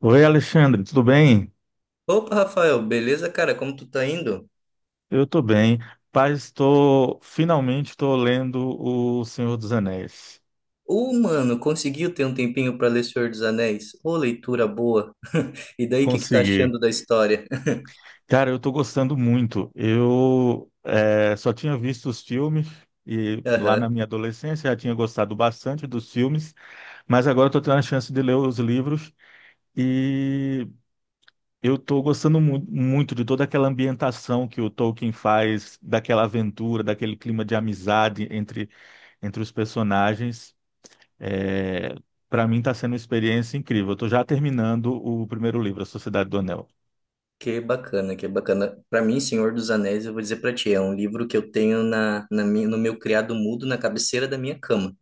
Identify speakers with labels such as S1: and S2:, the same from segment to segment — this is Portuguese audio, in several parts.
S1: Oi, Alexandre, tudo bem?
S2: Opa, Rafael, beleza, cara? Como tu tá indo?
S1: Eu estou bem. Paz, estou finalmente estou lendo O Senhor dos Anéis.
S2: Ô, mano, conseguiu ter um tempinho pra ler Senhor dos Anéis? Ô, leitura boa. E daí, o que que tá
S1: Consegui.
S2: achando da história?
S1: Cara, eu estou gostando muito. Eu só tinha visto os filmes e lá na
S2: Aham.
S1: minha adolescência já tinha gostado bastante dos filmes, mas agora estou tendo a chance de ler os livros e eu estou gostando muito de toda aquela ambientação que o Tolkien faz, daquela aventura, daquele clima de amizade entre os personagens. É, Para mim está sendo uma experiência incrível. Eu estou já terminando o primeiro livro, A Sociedade do Anel.
S2: Que bacana, que bacana. Pra mim, Senhor dos Anéis, eu vou dizer pra ti, é um livro que eu tenho no meu criado mudo na cabeceira da minha cama,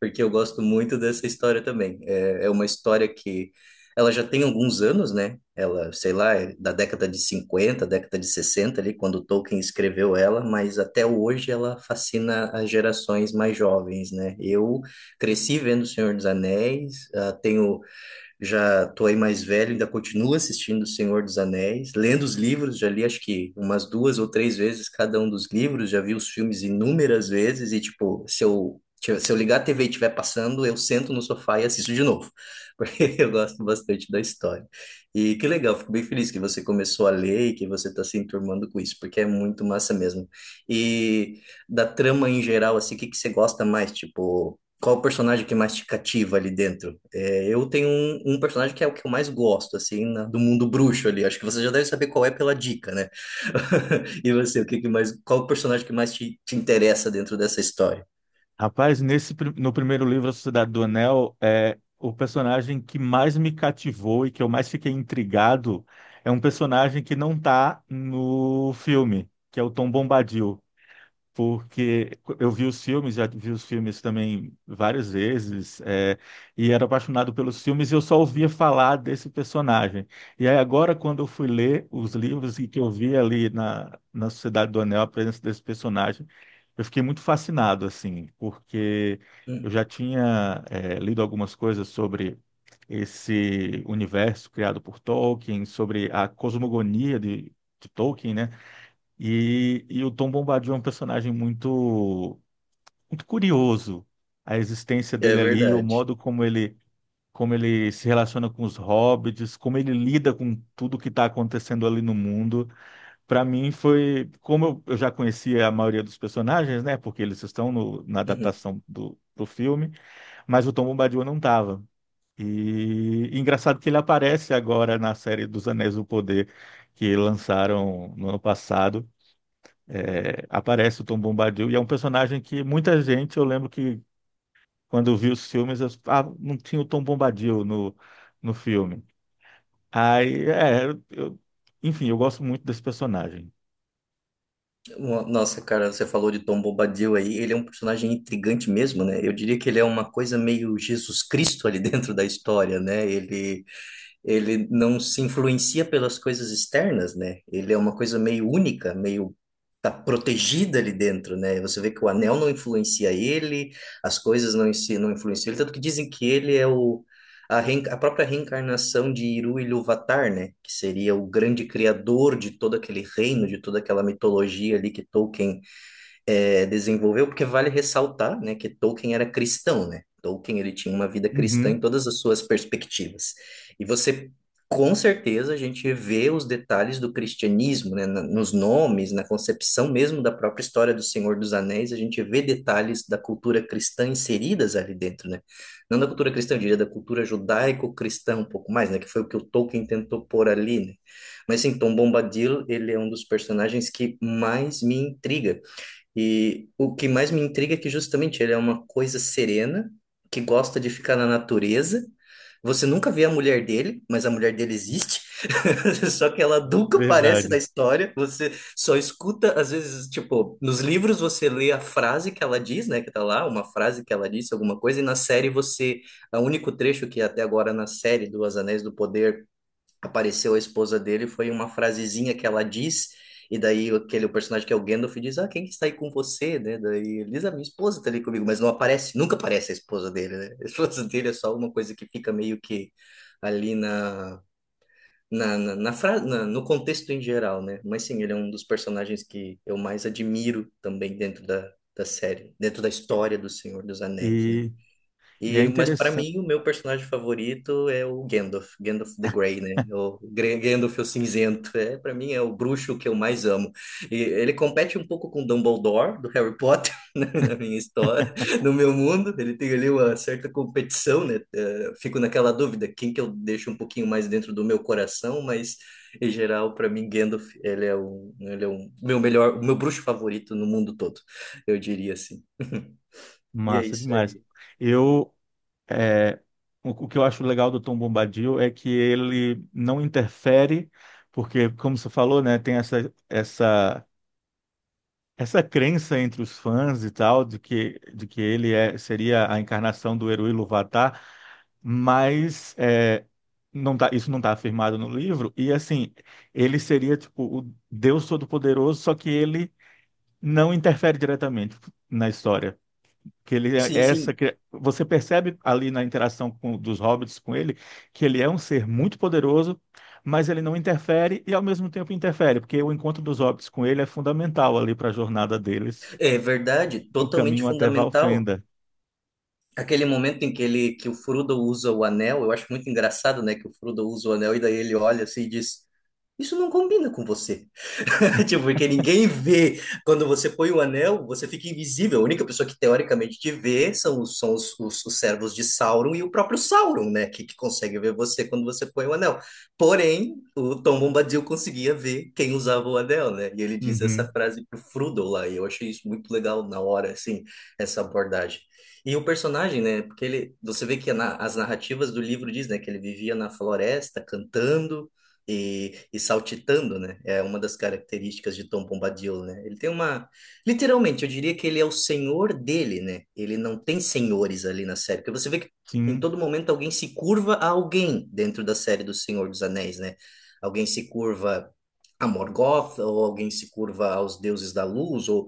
S2: porque eu gosto muito dessa história também. É, é uma história que ela já tem alguns anos, né? Ela, sei lá, é da década de cinquenta, década de 60 ali, quando Tolkien escreveu ela, mas até hoje ela fascina as gerações mais jovens, né? Eu cresci vendo O Senhor dos Anéis, ah, tenho, já tô aí mais velho, ainda continuo assistindo O Senhor dos Anéis, lendo os livros, já li acho que umas duas ou três vezes cada um dos livros, já vi os filmes inúmeras vezes e, tipo, se eu ligar a TV e estiver passando, eu sento no sofá e assisto de novo, porque eu gosto bastante da história. E que legal, fico bem feliz que você começou a ler e que você está se enturmando com isso, porque é muito massa mesmo. E da trama em geral, assim, o que que você gosta mais? Tipo, qual o personagem que mais te cativa ali dentro? É, eu tenho um personagem que é o que eu mais gosto, assim, do mundo bruxo ali. Acho que você já deve saber qual é pela dica, né? E você, o que que mais, qual o personagem que mais te interessa dentro dessa história?
S1: Rapaz, no primeiro livro, A Sociedade do Anel, é o personagem que mais me cativou e que eu mais fiquei intrigado é um personagem que não está no filme, que é o Tom Bombadil. Porque eu vi os filmes, já vi os filmes também várias vezes, e era apaixonado pelos filmes e eu só ouvia falar desse personagem. E aí agora, quando eu fui ler os livros e que eu vi ali na Sociedade do Anel a presença desse personagem, eu fiquei muito fascinado, assim, porque eu
S2: Hum,
S1: já tinha, lido algumas coisas sobre esse universo criado por Tolkien, sobre a cosmogonia de Tolkien, né? E o Tom Bombadil é um personagem muito curioso. A existência
S2: é
S1: dele ali, o
S2: verdade.
S1: modo como ele se relaciona com os hobbits, como ele lida com tudo que está acontecendo ali no mundo. Para mim foi, como eu já conhecia a maioria dos personagens, né? Porque eles estão na
S2: Uhum.
S1: adaptação do filme, mas o Tom Bombadil não estava. E engraçado que ele aparece agora na série dos Anéis do Poder que lançaram no ano passado, aparece o Tom Bombadil e é um personagem que muita gente, eu lembro que quando vi os filmes, eu, ah, não tinha o Tom Bombadil no filme. Aí, é, eu, enfim, eu gosto muito desse personagem.
S2: Nossa, cara, você falou de Tom Bombadil aí. Ele é um personagem intrigante mesmo, né? Eu diria que ele é uma coisa meio Jesus Cristo ali dentro da história, né? Ele não se influencia pelas coisas externas, né? Ele é uma coisa meio única, meio tá protegida ali dentro, né? Você vê que o anel não influencia ele, as coisas não, não influenciam ele, tanto que dizem que ele é a própria reencarnação de Iru Ilúvatar, né? Que seria o grande criador de todo aquele reino, de toda aquela mitologia ali que Tolkien, desenvolveu, porque vale ressaltar, né, que Tolkien era cristão, né? Tolkien, ele tinha uma vida cristã em
S1: Uhum,
S2: todas as suas perspectivas. E você, com certeza a gente vê os detalhes do cristianismo, né, nos nomes, na concepção mesmo da própria história do Senhor dos Anéis, a gente vê detalhes da cultura cristã inseridas ali dentro, né? Não da cultura cristã, eu diria da cultura judaico-cristã um pouco mais, né, que foi o que o Tolkien tentou pôr ali, né? Mas sim, Tom Bombadil, ele é um dos personagens que mais me intriga, e o que mais me intriga é que justamente ele é uma coisa serena, que gosta de ficar na natureza. Você nunca vê a mulher dele, mas a mulher dele existe. Só que ela nunca aparece na
S1: verdade.
S2: história. Você só escuta, às vezes, tipo, nos livros você lê a frase que ela diz, né? Que tá lá, uma frase que ela disse, alguma coisa, e na série você... é o único trecho que até agora na série do Os Anéis do Poder apareceu a esposa dele, foi uma frasezinha que ela diz, e daí aquele o personagem que é o Gandalf diz, ah, quem que está aí com você, né? Daí ele diz, a minha esposa está ali comigo, mas não aparece, nunca aparece a esposa dele, né? A esposa dele é só uma coisa que fica meio que ali na... no contexto em geral, né? Mas sim, ele é um dos personagens que eu mais admiro também dentro da, da série, dentro da
S1: E,
S2: história do Senhor dos Anéis, né?
S1: e e é
S2: E, mas para
S1: interessante.
S2: mim, o meu personagem favorito é o Gandalf, Gandalf the Grey, né? Gandalf o cinzento, é, para mim é o bruxo que eu mais amo. E ele compete um pouco com Dumbledore do Harry Potter, né, na minha história, no meu mundo, ele tem ali uma certa competição, né? Fico naquela dúvida, quem que eu deixo um pouquinho mais dentro do meu coração, mas em geral, para mim, Gandalf, ele é o meu melhor, o meu bruxo favorito no mundo todo, eu diria assim. E é
S1: Massa
S2: isso
S1: demais.
S2: aí.
S1: Eu, é, o que eu acho legal do Tom Bombadil é que ele não interfere, porque, como você falou, né, tem essa essa crença entre os fãs e tal, de de que ele é, seria a encarnação do Eru Iluvatar, mas não tá, isso não está afirmado no livro, e assim, ele seria tipo o Deus Todo-Poderoso, só que ele não interfere diretamente na história. Que ele é
S2: Sim,
S1: essa,
S2: sim.
S1: você percebe ali na interação com, dos hobbits com ele que ele é um ser muito poderoso, mas ele não interfere e ao mesmo tempo interfere, porque o encontro dos hobbits com ele é fundamental ali para a jornada deles
S2: É verdade,
S1: no
S2: totalmente
S1: caminho até
S2: fundamental.
S1: Valfenda.
S2: Aquele momento em que ele que o Frodo usa o anel, eu acho muito engraçado, né, que o Frodo usa o anel e daí ele olha assim e diz, isso não combina com você. Tipo, porque ninguém vê. Quando você põe o anel, você fica invisível. A única pessoa que teoricamente te vê são os servos de Sauron e o próprio Sauron, né? Que consegue ver você quando você põe o anel. Porém, o Tom Bombadil conseguia ver quem usava o anel, né? E ele diz essa
S1: Uhum,
S2: frase pro Frodo lá. E eu achei isso muito legal na hora, assim, essa abordagem. E o personagem, né? Porque ele, você vê que as narrativas do livro diz, né? Que ele vivia na floresta, cantando e saltitando, né? É uma das características de Tom Bombadil, né? Ele tem uma... Literalmente, eu diria que ele é o senhor dele, né? Ele não tem senhores ali na série, porque você vê que em
S1: sim.
S2: todo momento alguém se curva a alguém dentro da série do Senhor dos Anéis, né? Alguém se curva a Morgoth, ou alguém se curva aos deuses da luz, ou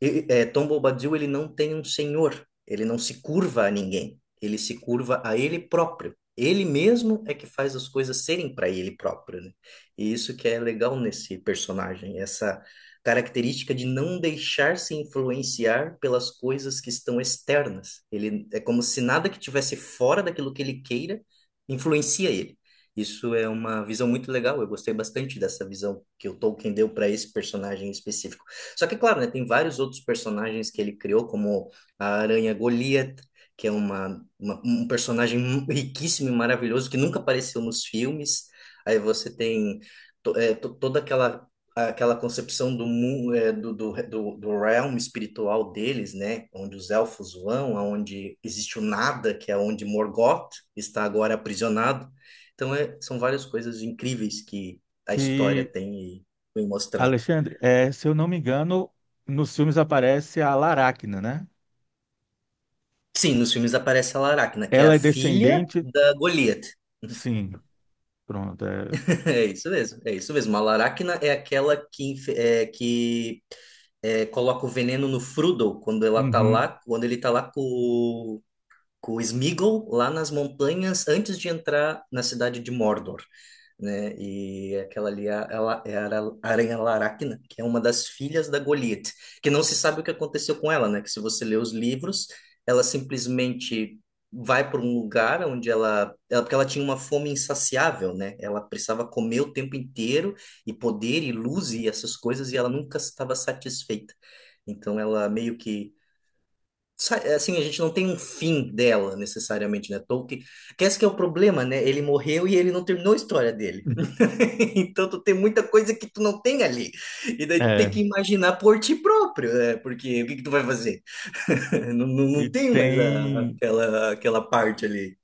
S2: Tom Bobadil, ele não tem um senhor, ele não se curva a ninguém, ele se curva a ele próprio. Ele mesmo é que faz as coisas serem para ele próprio, né? E isso que é legal nesse personagem, essa característica de não deixar se influenciar pelas coisas que estão externas. Ele é como se nada que tivesse fora daquilo que ele queira influencia ele. Isso é uma visão muito legal, eu gostei bastante dessa visão que o Tolkien deu para esse personagem específico. Só que, claro, né, tem vários outros personagens que ele criou, como a Aranha Goliath, que é um personagem riquíssimo e maravilhoso que nunca apareceu nos filmes. Aí você tem toda aquela aquela concepção do, do realm espiritual deles, né? Onde os elfos vão, aonde existe o nada, que é onde Morgoth está agora aprisionado. Então, é, são várias coisas incríveis que a história
S1: E,
S2: tem e foi mostrado.
S1: Alexandre, se eu não me engano, nos filmes aparece a Laracna, né?
S2: Sim, nos filmes aparece a Laracna, que é a
S1: Ela é
S2: filha
S1: descendente?
S2: da Goliath.
S1: Sim. Pronto. É,
S2: É isso mesmo, é isso mesmo. A Laracna é aquela que, coloca o veneno no Frodo quando ela tá
S1: uhum.
S2: lá, quando ele tá lá com o Sméagol lá nas montanhas antes de entrar na cidade de Mordor, né? E aquela ali é a, Aranha Laracna, que é uma das filhas da Goliath, que não se sabe o que aconteceu com ela, né? Que se você ler os livros, ela simplesmente vai para um lugar onde ela, porque ela tinha uma fome insaciável, né? Ela precisava comer o tempo inteiro e poder e luz e essas coisas e ela nunca estava satisfeita. Então ela meio que assim, a gente não tem um fim dela necessariamente, né? Tolkien, que esse que é o problema, né? Ele morreu e ele não terminou a história dele. Então tu tem muita coisa que tu não tem ali. E daí tu tem
S1: É.
S2: que imaginar por ti próprio, né? Porque o que que tu vai fazer? Não, não,
S1: E
S2: não tem mais
S1: tem,
S2: aquela, aquela parte ali.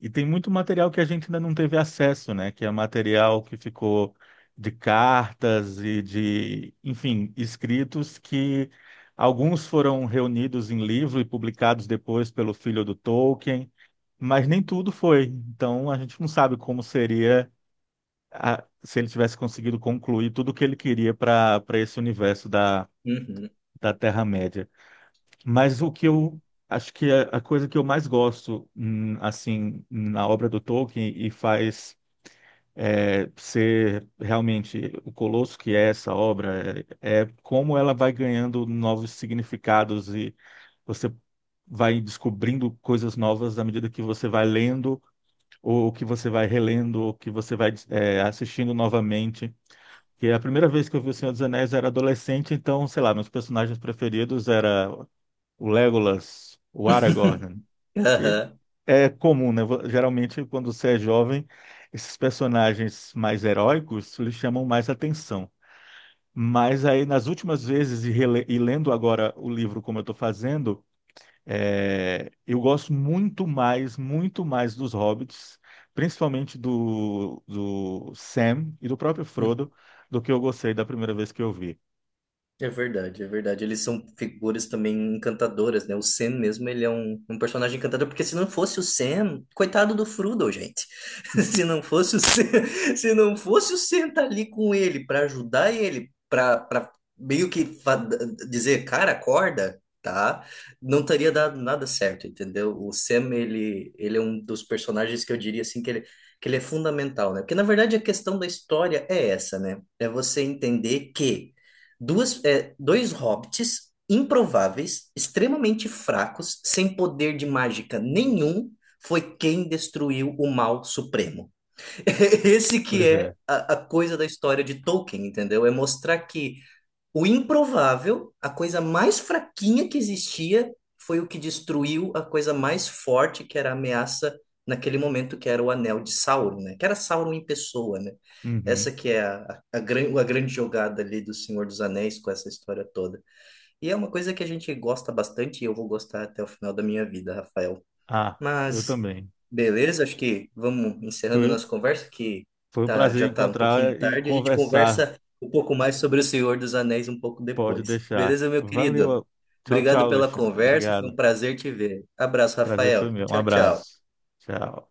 S1: e tem muito material que a gente ainda não teve acesso, né? Que é material que ficou de cartas enfim, escritos que alguns foram reunidos em livro e publicados depois pelo filho do Tolkien. Mas nem tudo foi. Então a gente não sabe como seria se ele tivesse conseguido concluir tudo o que ele queria para para esse universo
S2: Uhum.
S1: da Terra-média. Mas o que eu acho que é a coisa que eu mais gosto assim na obra do Tolkien e faz ser realmente o colosso que é essa obra é, é como ela vai ganhando novos significados e você vai descobrindo coisas novas à medida que você vai lendo ou que você vai relendo, ou que você vai assistindo novamente. Que a primeira vez que eu vi O Senhor dos Anéis eu era adolescente, então, sei lá, meus personagens preferidos era o Legolas, o Aragorn, que
S2: Aham.
S1: é comum, né? Geralmente, quando você é jovem, esses personagens mais heróicos lhe chamam mais atenção. Mas aí, nas últimas vezes, e lendo agora o livro como eu estou fazendo, eu gosto muito mais dos Hobbits, principalmente do Sam e do próprio Frodo, do que eu gostei da primeira vez que eu vi.
S2: É verdade, é verdade. Eles são figuras também encantadoras, né? O Sam mesmo, ele é um personagem encantador, porque se não fosse o Sam, coitado do Frodo, gente. Se não fosse o Sam, se não fosse o Sam estar ali com ele para ajudar ele, para meio que dizer, cara, acorda, tá? Não teria dado nada certo, entendeu? O Sam, ele é um dos personagens que eu diria assim que ele é fundamental, né? Porque na verdade a questão da história é essa, né? É você entender que dois hobbits improváveis, extremamente fracos, sem poder de mágica nenhum, foi quem destruiu o mal supremo. Esse que
S1: Pois
S2: é
S1: é.
S2: a coisa da história de Tolkien, entendeu? É mostrar que o improvável, a coisa mais fraquinha que existia, foi o que destruiu a coisa mais forte, que era a ameaça naquele momento, que era o anel de Sauron, né? Que era Sauron em pessoa, né? Essa
S1: Uhum.
S2: que é a grande jogada ali do Senhor dos Anéis com essa história toda. E é uma coisa que a gente gosta bastante e eu vou gostar até o final da minha vida, Rafael.
S1: Ah, eu
S2: Mas,
S1: também.
S2: beleza, acho que vamos encerrando
S1: Foi,
S2: nossa conversa, que
S1: foi um
S2: tá,
S1: prazer
S2: já tá um pouquinho
S1: encontrar e
S2: tarde. A gente
S1: conversar.
S2: conversa um pouco mais sobre O Senhor dos Anéis um pouco
S1: Pode
S2: depois.
S1: deixar.
S2: Beleza, meu querido?
S1: Valeu. Tchau,
S2: Obrigado
S1: tchau,
S2: pela
S1: Alexandre.
S2: conversa, foi um
S1: Obrigado.
S2: prazer te ver. Abraço,
S1: Prazer foi
S2: Rafael.
S1: meu. Um
S2: Tchau,
S1: abraço.
S2: tchau.
S1: Tchau.